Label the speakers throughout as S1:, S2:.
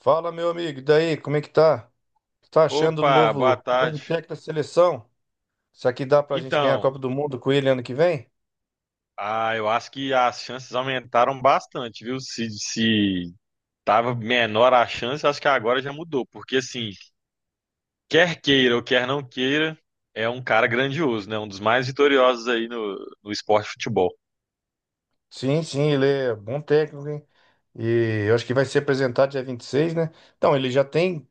S1: Fala, meu amigo, e daí, como é que tá? Tá achando o
S2: Opa, boa
S1: novo
S2: tarde.
S1: técnico da seleção? Será que dá pra gente ganhar a
S2: Então,
S1: Copa do Mundo com ele ano que vem?
S2: eu acho que as chances aumentaram bastante, viu? Se tava menor a chance, acho que agora já mudou, porque assim, quer queira ou quer não queira, é um cara grandioso, né? Um dos mais vitoriosos aí no esporte de futebol.
S1: Sim, sim, ele é bom técnico, hein? E eu acho que vai ser apresentado dia 26, né? Então,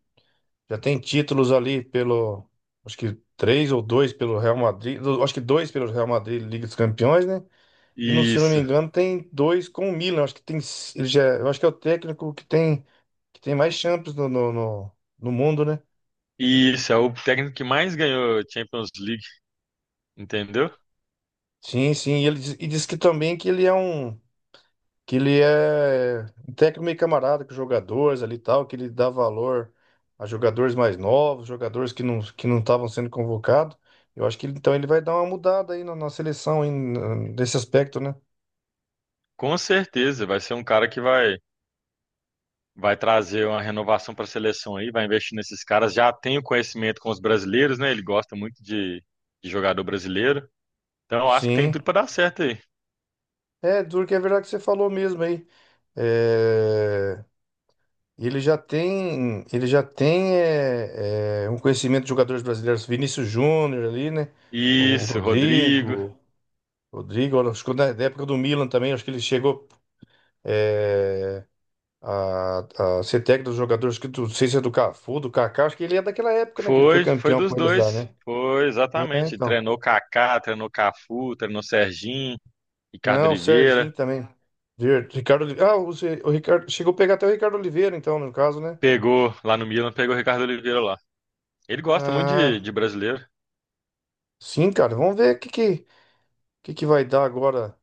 S1: já tem títulos ali pelo, acho que três ou dois pelo Real Madrid, acho que dois pelo Real Madrid, Liga dos Campeões, né? E não, se não me
S2: Isso,
S1: engano, tem dois com o Milan, acho que tem, ele já, eu acho que é o técnico que tem mais Champions no mundo, né?
S2: isso, é o técnico que mais ganhou Champions League, entendeu?
S1: Sim, sim. E ele diz, e diz que também que ele é um técnico meio camarada com os jogadores ali e tal, que ele dá valor a jogadores mais novos, jogadores que não estavam sendo convocados. Eu acho que então ele vai dar uma mudada aí na seleção aí, nesse aspecto, né?
S2: Com certeza, vai ser um cara que vai trazer uma renovação para a seleção aí, vai investir nesses caras. Já tem o conhecimento com os brasileiros, né? Ele gosta muito de jogador brasileiro. Então, acho que tem
S1: Sim.
S2: tudo para dar certo aí.
S1: É, duro que é verdade que você falou mesmo aí. É, ele já tem um conhecimento de jogadores brasileiros, Vinícius Júnior ali, né? O
S2: Isso, Rodrigo.
S1: Rodrigo. Rodrigo, olha, acho que na época do Milan também, acho que ele chegou é, a ser técnico dos jogadores, acho que não sei se é do Cafu, do Kaká, acho que ele é daquela época, né? Que ele foi
S2: Foi, foi
S1: campeão
S2: dos
S1: com eles lá,
S2: dois.
S1: né?
S2: Foi,
S1: É,
S2: exatamente.
S1: então.
S2: Treinou Kaká, treinou Cafu, treinou Serginho, Ricardo
S1: Não, o Serginho
S2: Oliveira.
S1: também. Ricardo Oliveira. Ah, o, Se- o Ricardo. Chegou a pegar até o Ricardo Oliveira, então, no caso, né?
S2: Pegou lá no Milan, pegou o Ricardo Oliveira lá. Ele gosta muito
S1: Ah,
S2: de brasileiro.
S1: sim, cara. Vamos ver o que que vai dar agora.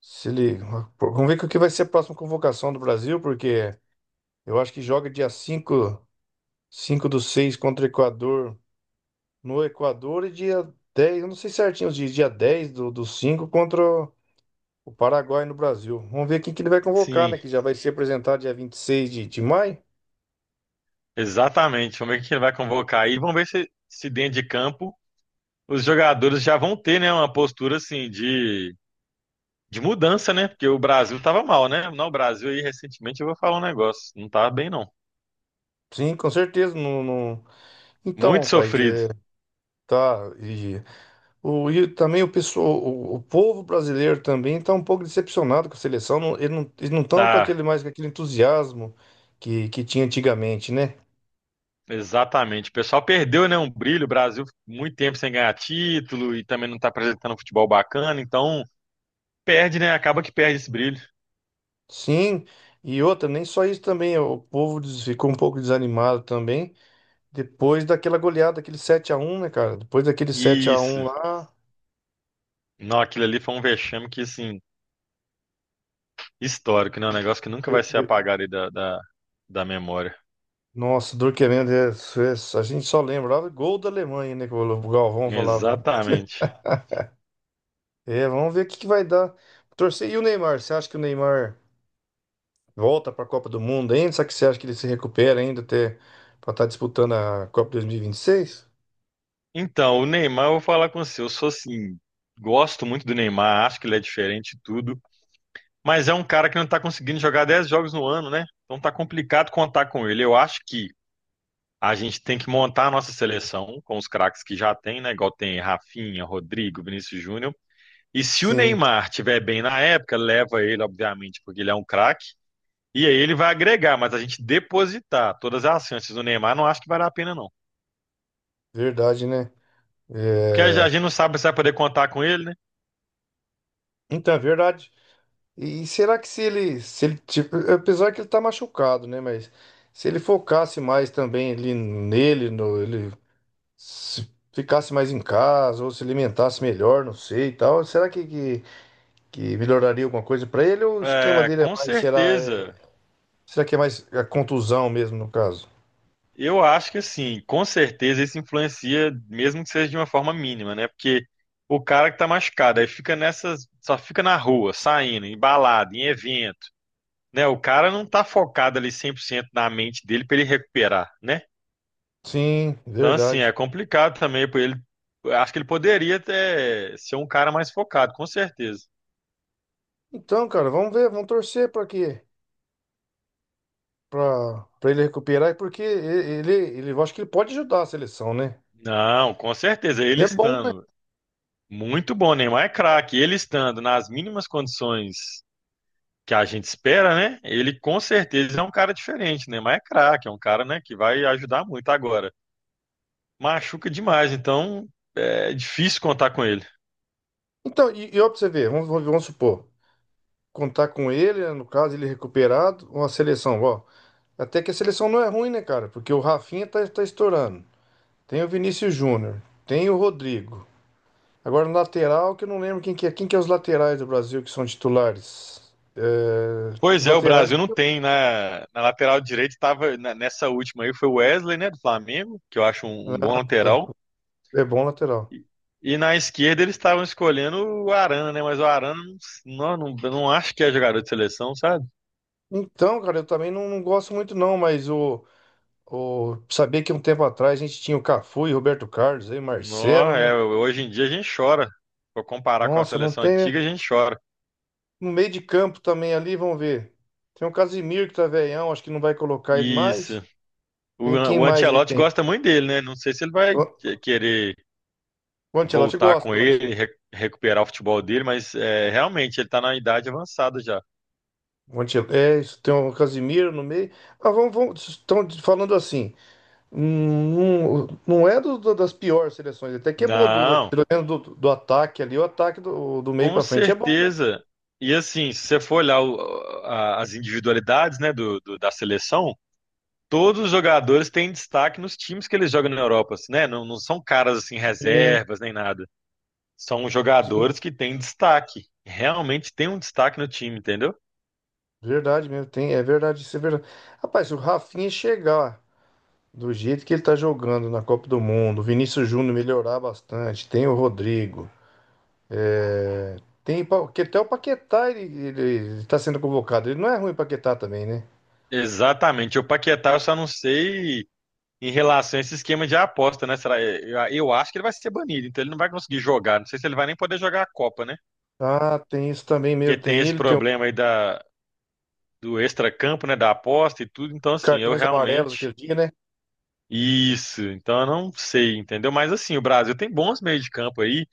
S1: Se ele, vamos ver o que vai ser a próxima convocação do Brasil, porque eu acho que joga dia 5, 5 do 6 contra o Equador, no Equador, e dia 10, eu não sei certinho os dias, dia 10 do, do 5 contra o Paraguai no Brasil. Vamos ver quem que ele vai convocar, né?
S2: Sim,
S1: Que já vai ser apresentado dia vinte e seis de maio.
S2: exatamente. Vamos ver quem ele vai convocar aí. Vamos ver se, se dentro de campo os jogadores já vão ter, né, uma postura assim de mudança, né? Porque o Brasil tava mal, né? Não, o Brasil aí recentemente eu vou falar um negócio, não tá bem não.
S1: Sim, com certeza. Então,
S2: Muito
S1: rapaz,
S2: sofrido.
S1: é, tá. E, e também o povo brasileiro também está um pouco decepcionado com a seleção. Não, eles não estão com
S2: Tá,
S1: aquele mais com aquele entusiasmo que tinha antigamente, né?
S2: exatamente. O pessoal perdeu, né, um brilho, o Brasil ficou muito tempo sem ganhar título e também não tá apresentando um futebol bacana, então perde, né? Acaba que perde esse brilho.
S1: Sim. E outra, nem só isso também, o povo ficou um pouco desanimado também. Depois daquela goleada, aquele 7 a 1, né, cara? Depois daquele 7 a 1
S2: Isso.
S1: lá.
S2: Não, aquilo ali foi um vexame que, assim, histórico, né? Um negócio que nunca vai
S1: ve-
S2: ser
S1: ve-
S2: apagado aí da memória.
S1: Nossa, dor, a gente só lembrava gol da Alemanha, né? Que o Galvão falava.
S2: Exatamente.
S1: É, vamos ver o que, que vai dar. Torcer. E o Neymar? Você acha que o Neymar volta para a Copa do Mundo ainda? Será que você acha que ele se recupera ainda até para estar disputando a Copa 2026?
S2: Então, o Neymar, eu vou falar com você. Eu sou assim, gosto muito do Neymar, acho que ele é diferente e tudo, mas é um cara que não tá conseguindo jogar 10 jogos no ano, né? Então tá complicado contar com ele. Eu acho que a gente tem que montar a nossa seleção com os craques que já tem, né? Igual tem Rafinha, Rodrigo, Vinícius Júnior. E se o
S1: Sim,
S2: Neymar tiver bem na época, leva ele, obviamente, porque ele é um craque. E aí ele vai agregar, mas a gente depositar todas as chances do Neymar, não acho que vale a pena, não.
S1: verdade, né?
S2: Porque
S1: É,
S2: a gente não sabe se vai poder contar com ele, né?
S1: então, é verdade. E será que se ele, tipo, apesar que ele tá machucado, né? Mas se ele focasse mais também ali nele, no, ele se ficasse mais em casa, ou se alimentasse melhor, não sei e tal, será que melhoraria alguma coisa pra ele? Ou o esquema
S2: É,
S1: dele é
S2: com
S1: mais,
S2: certeza.
S1: será que é mais a contusão mesmo, no caso?
S2: Eu acho que assim, com certeza isso influencia, mesmo que seja de uma forma mínima, né? Porque o cara que tá machucado, aí fica nessas, só fica na rua, saindo, em balada, em evento, né? O cara não tá focado ali 100% na mente dele pra ele recuperar, né?
S1: Sim,
S2: Então assim, é
S1: verdade.
S2: complicado também pra ele. Eu acho que ele poderia até ser um cara mais focado, com certeza.
S1: Então, cara, vamos torcer para que para para ele recuperar, porque eu acho que ele pode ajudar a seleção, né?
S2: Não, com certeza, ele
S1: Ele é bom.
S2: estando muito bom, Neymar é craque, ele estando nas mínimas condições que a gente espera, né? Ele com certeza é um cara diferente, né? Mas é craque, é um cara, né, que vai ajudar muito agora. Machuca demais, então é difícil contar com ele.
S1: Então, e ó, pra você ver, vamos supor, contar com ele, né, no caso, ele recuperado, uma seleção, ó. Até que a seleção não é ruim, né, cara? Porque o Rafinha tá estourando. Tem o Vinícius Júnior, tem o Rodrigo. Agora, no lateral, que eu não lembro quem que é. Quem que é os laterais do Brasil que são titulares? É,
S2: Pois
S1: os
S2: é, o
S1: laterais
S2: Brasil
S1: que...
S2: não tem na lateral direita, estava nessa última aí foi o Wesley, né, do Flamengo, que eu acho um bom
S1: Ah, tá.
S2: lateral.
S1: É bom lateral.
S2: E na esquerda eles estavam escolhendo o Arana, né? Mas o Arana não acho que é jogador de seleção, sabe?
S1: Então, cara, eu também não gosto muito não, mas saber que um tempo atrás a gente tinha o Cafu e Roberto Carlos, aí
S2: Não,
S1: Marcelo,
S2: é,
S1: né?
S2: hoje em dia a gente chora. Pra comparar com a
S1: Nossa, não
S2: seleção
S1: tem... né?
S2: antiga, a gente chora.
S1: No meio de campo também ali, vamos ver. Tem o Casimiro que tá velhão, acho que não vai colocar ele
S2: Isso.
S1: mais. Tem quem
S2: O
S1: mais ele
S2: Ancelotti
S1: tem?
S2: gosta muito dele, né? Não sei se ele vai
S1: O
S2: querer
S1: o Ancelotti
S2: voltar com
S1: gosta.
S2: ele, recuperar o futebol dele, mas é, realmente ele tá na idade avançada já.
S1: É isso, tem o Casimiro no meio. Ah, estão falando assim. Não, não é das piores seleções, até que é boa,
S2: Não,
S1: pelo menos do ataque ali, o ataque do meio
S2: com
S1: pra frente é bom.
S2: certeza. E assim, se você for olhar as individualidades, né, da seleção, todos os jogadores têm destaque nos times que eles jogam na Europa, assim, né? Não, não são caras assim
S1: Sim,
S2: reservas nem nada. São jogadores que têm destaque. Realmente tem um destaque no time, entendeu?
S1: verdade mesmo, tem, é verdade, isso é verdade. Rapaz, se o Rafinha chegar. Do jeito que ele tá jogando na Copa do Mundo, o Vinícius Júnior melhorar bastante, tem o Rodrigo, é, tem que até o Paquetá ele tá sendo convocado. Ele não é ruim o Paquetá também, né?
S2: Exatamente. O Paquetá eu só não sei em relação a esse esquema de aposta, né? Será? Eu acho que ele vai ser banido, então ele não vai conseguir jogar. Não sei se ele vai nem poder jogar a Copa, né?
S1: Ah, tem isso também
S2: Porque
S1: mesmo,
S2: tem
S1: tem
S2: esse
S1: ele, tem o
S2: problema aí da, do extracampo, né? Da aposta e tudo. Então, assim, eu
S1: cartões amarelos
S2: realmente.
S1: aquele dia, né?
S2: Isso, então eu não sei, entendeu? Mas assim, o Brasil tem bons meios de campo aí.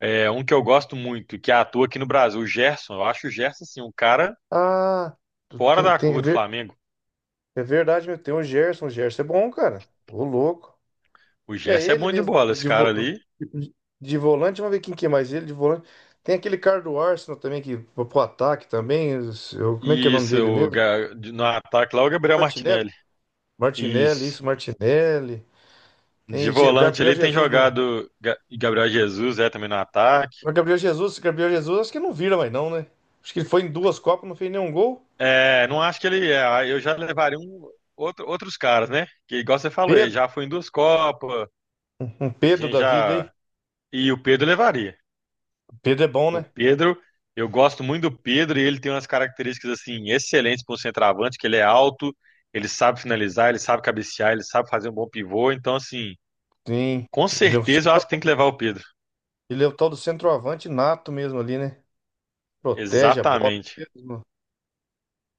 S2: É, um que eu gosto muito, que atua aqui no Brasil, o Gerson. Eu acho o Gerson, assim, um cara
S1: Ah, tu-
S2: fora
S1: tem,
S2: da
S1: tem, é
S2: curva do
S1: ver-
S2: Flamengo.
S1: é verdade mesmo, tem o Gerson é bom, cara. Ô louco.
S2: O
S1: E é
S2: Gerson é
S1: ele
S2: bom de
S1: mesmo,
S2: bola, esse cara ali.
S1: de volante, vamos ver quem que é mais ele, de volante. Tem aquele cara do Arsenal também, que foi pro ataque também, como é que é o nome
S2: Isso,
S1: dele mesmo?
S2: no ataque lá, o Gabriel
S1: Martinelli?
S2: Martinelli.
S1: Martinelli,
S2: Isso.
S1: isso, Martinelli.
S2: De
S1: Tem o
S2: volante
S1: Gabriel
S2: ali tem
S1: Jesus, não.
S2: jogado Gabriel Jesus, é também no ataque.
S1: O Gabriel Jesus, Gabriel Jesus, acho que não vira mais não, né? Acho que ele foi em duas Copas, não fez nenhum gol.
S2: É, não acho que ele é. Aí Eu já levaria um, outros caras, né? Que igual você falou, ele
S1: Pedro,
S2: já foi em duas Copas,
S1: um Pedro
S2: gente
S1: da vida aí.
S2: já. E o Pedro levaria.
S1: Pedro é bom,
S2: O
S1: né?
S2: Pedro, eu gosto muito do Pedro e ele tem umas características assim excelentes para um centroavante, que ele é alto, ele sabe finalizar, ele sabe cabecear, ele sabe fazer um bom pivô. Então, assim,
S1: Sim,
S2: com
S1: ele é o, ce-
S2: certeza eu acho que tem que levar o Pedro.
S1: ele é o tal do centroavante nato mesmo ali, né? Protege a bola.
S2: Exatamente.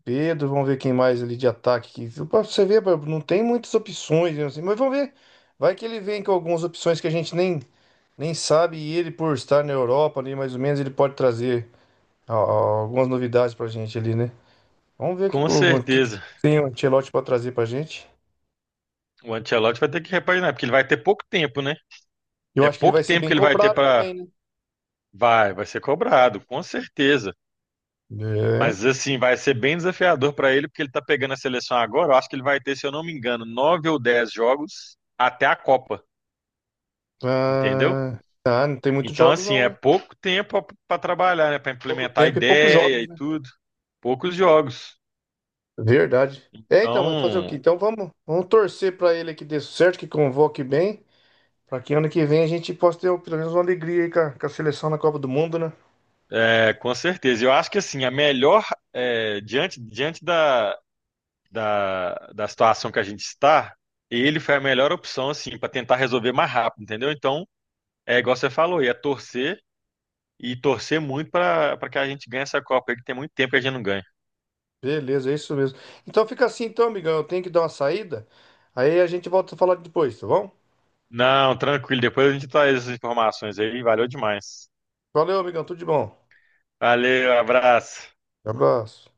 S1: Pedro, vamos ver quem mais ali de ataque. Que, pra você ver, não tem muitas opções, né, assim, mas vamos ver. Vai que ele vem com algumas opções que a gente nem sabe, e ele, por estar na Europa ali, mais ou menos, ele pode trazer algumas novidades pra gente ali, né? Vamos ver o que,
S2: Com
S1: que que
S2: certeza.
S1: tem o Ancelotti pra trazer pra gente.
S2: O Ancelotti vai ter que repaginar, porque ele vai ter pouco tempo, né?
S1: Eu
S2: É
S1: acho que ele
S2: pouco
S1: vai ser
S2: tempo
S1: bem
S2: que ele vai ter
S1: cobrado também,
S2: para.
S1: né?
S2: Vai ser cobrado, com certeza.
S1: É.
S2: Mas assim, vai ser bem desafiador para ele, porque ele tá pegando a seleção agora. Eu acho que ele vai ter, se eu não me engano, 9 ou 10 jogos até a Copa, entendeu?
S1: Ah, não tem muitos
S2: Então,
S1: jogos,
S2: assim,
S1: não,
S2: é
S1: né?
S2: pouco tempo para trabalhar, né? Para
S1: Pouco
S2: implementar a
S1: tempo e poucos
S2: ideia
S1: jogos,
S2: e
S1: né?
S2: tudo. Poucos jogos.
S1: Verdade. É, então, mas fazer o quê?
S2: Então,
S1: Então vamos torcer pra ele que dê certo, que convoque bem. Pra que ano que vem a gente possa ter pelo menos uma alegria aí com com a seleção na Copa do Mundo, né?
S2: é, com certeza. Eu acho que assim, a melhor, é, diante, diante da situação que a gente está, ele foi a melhor opção, assim, para tentar resolver mais rápido, entendeu? Então, é igual você falou, ia torcer e torcer muito para que a gente ganhe essa Copa aí, que tem muito tempo que a gente não ganha.
S1: Beleza, é isso mesmo. Então fica assim, então, amigão. Eu tenho que dar uma saída. Aí a gente volta a falar depois, tá bom?
S2: Não, tranquilo, depois a gente traz essas informações aí, valeu demais.
S1: Valeu, amigão. Tudo de bom.
S2: Valeu, abraço.
S1: Abraço.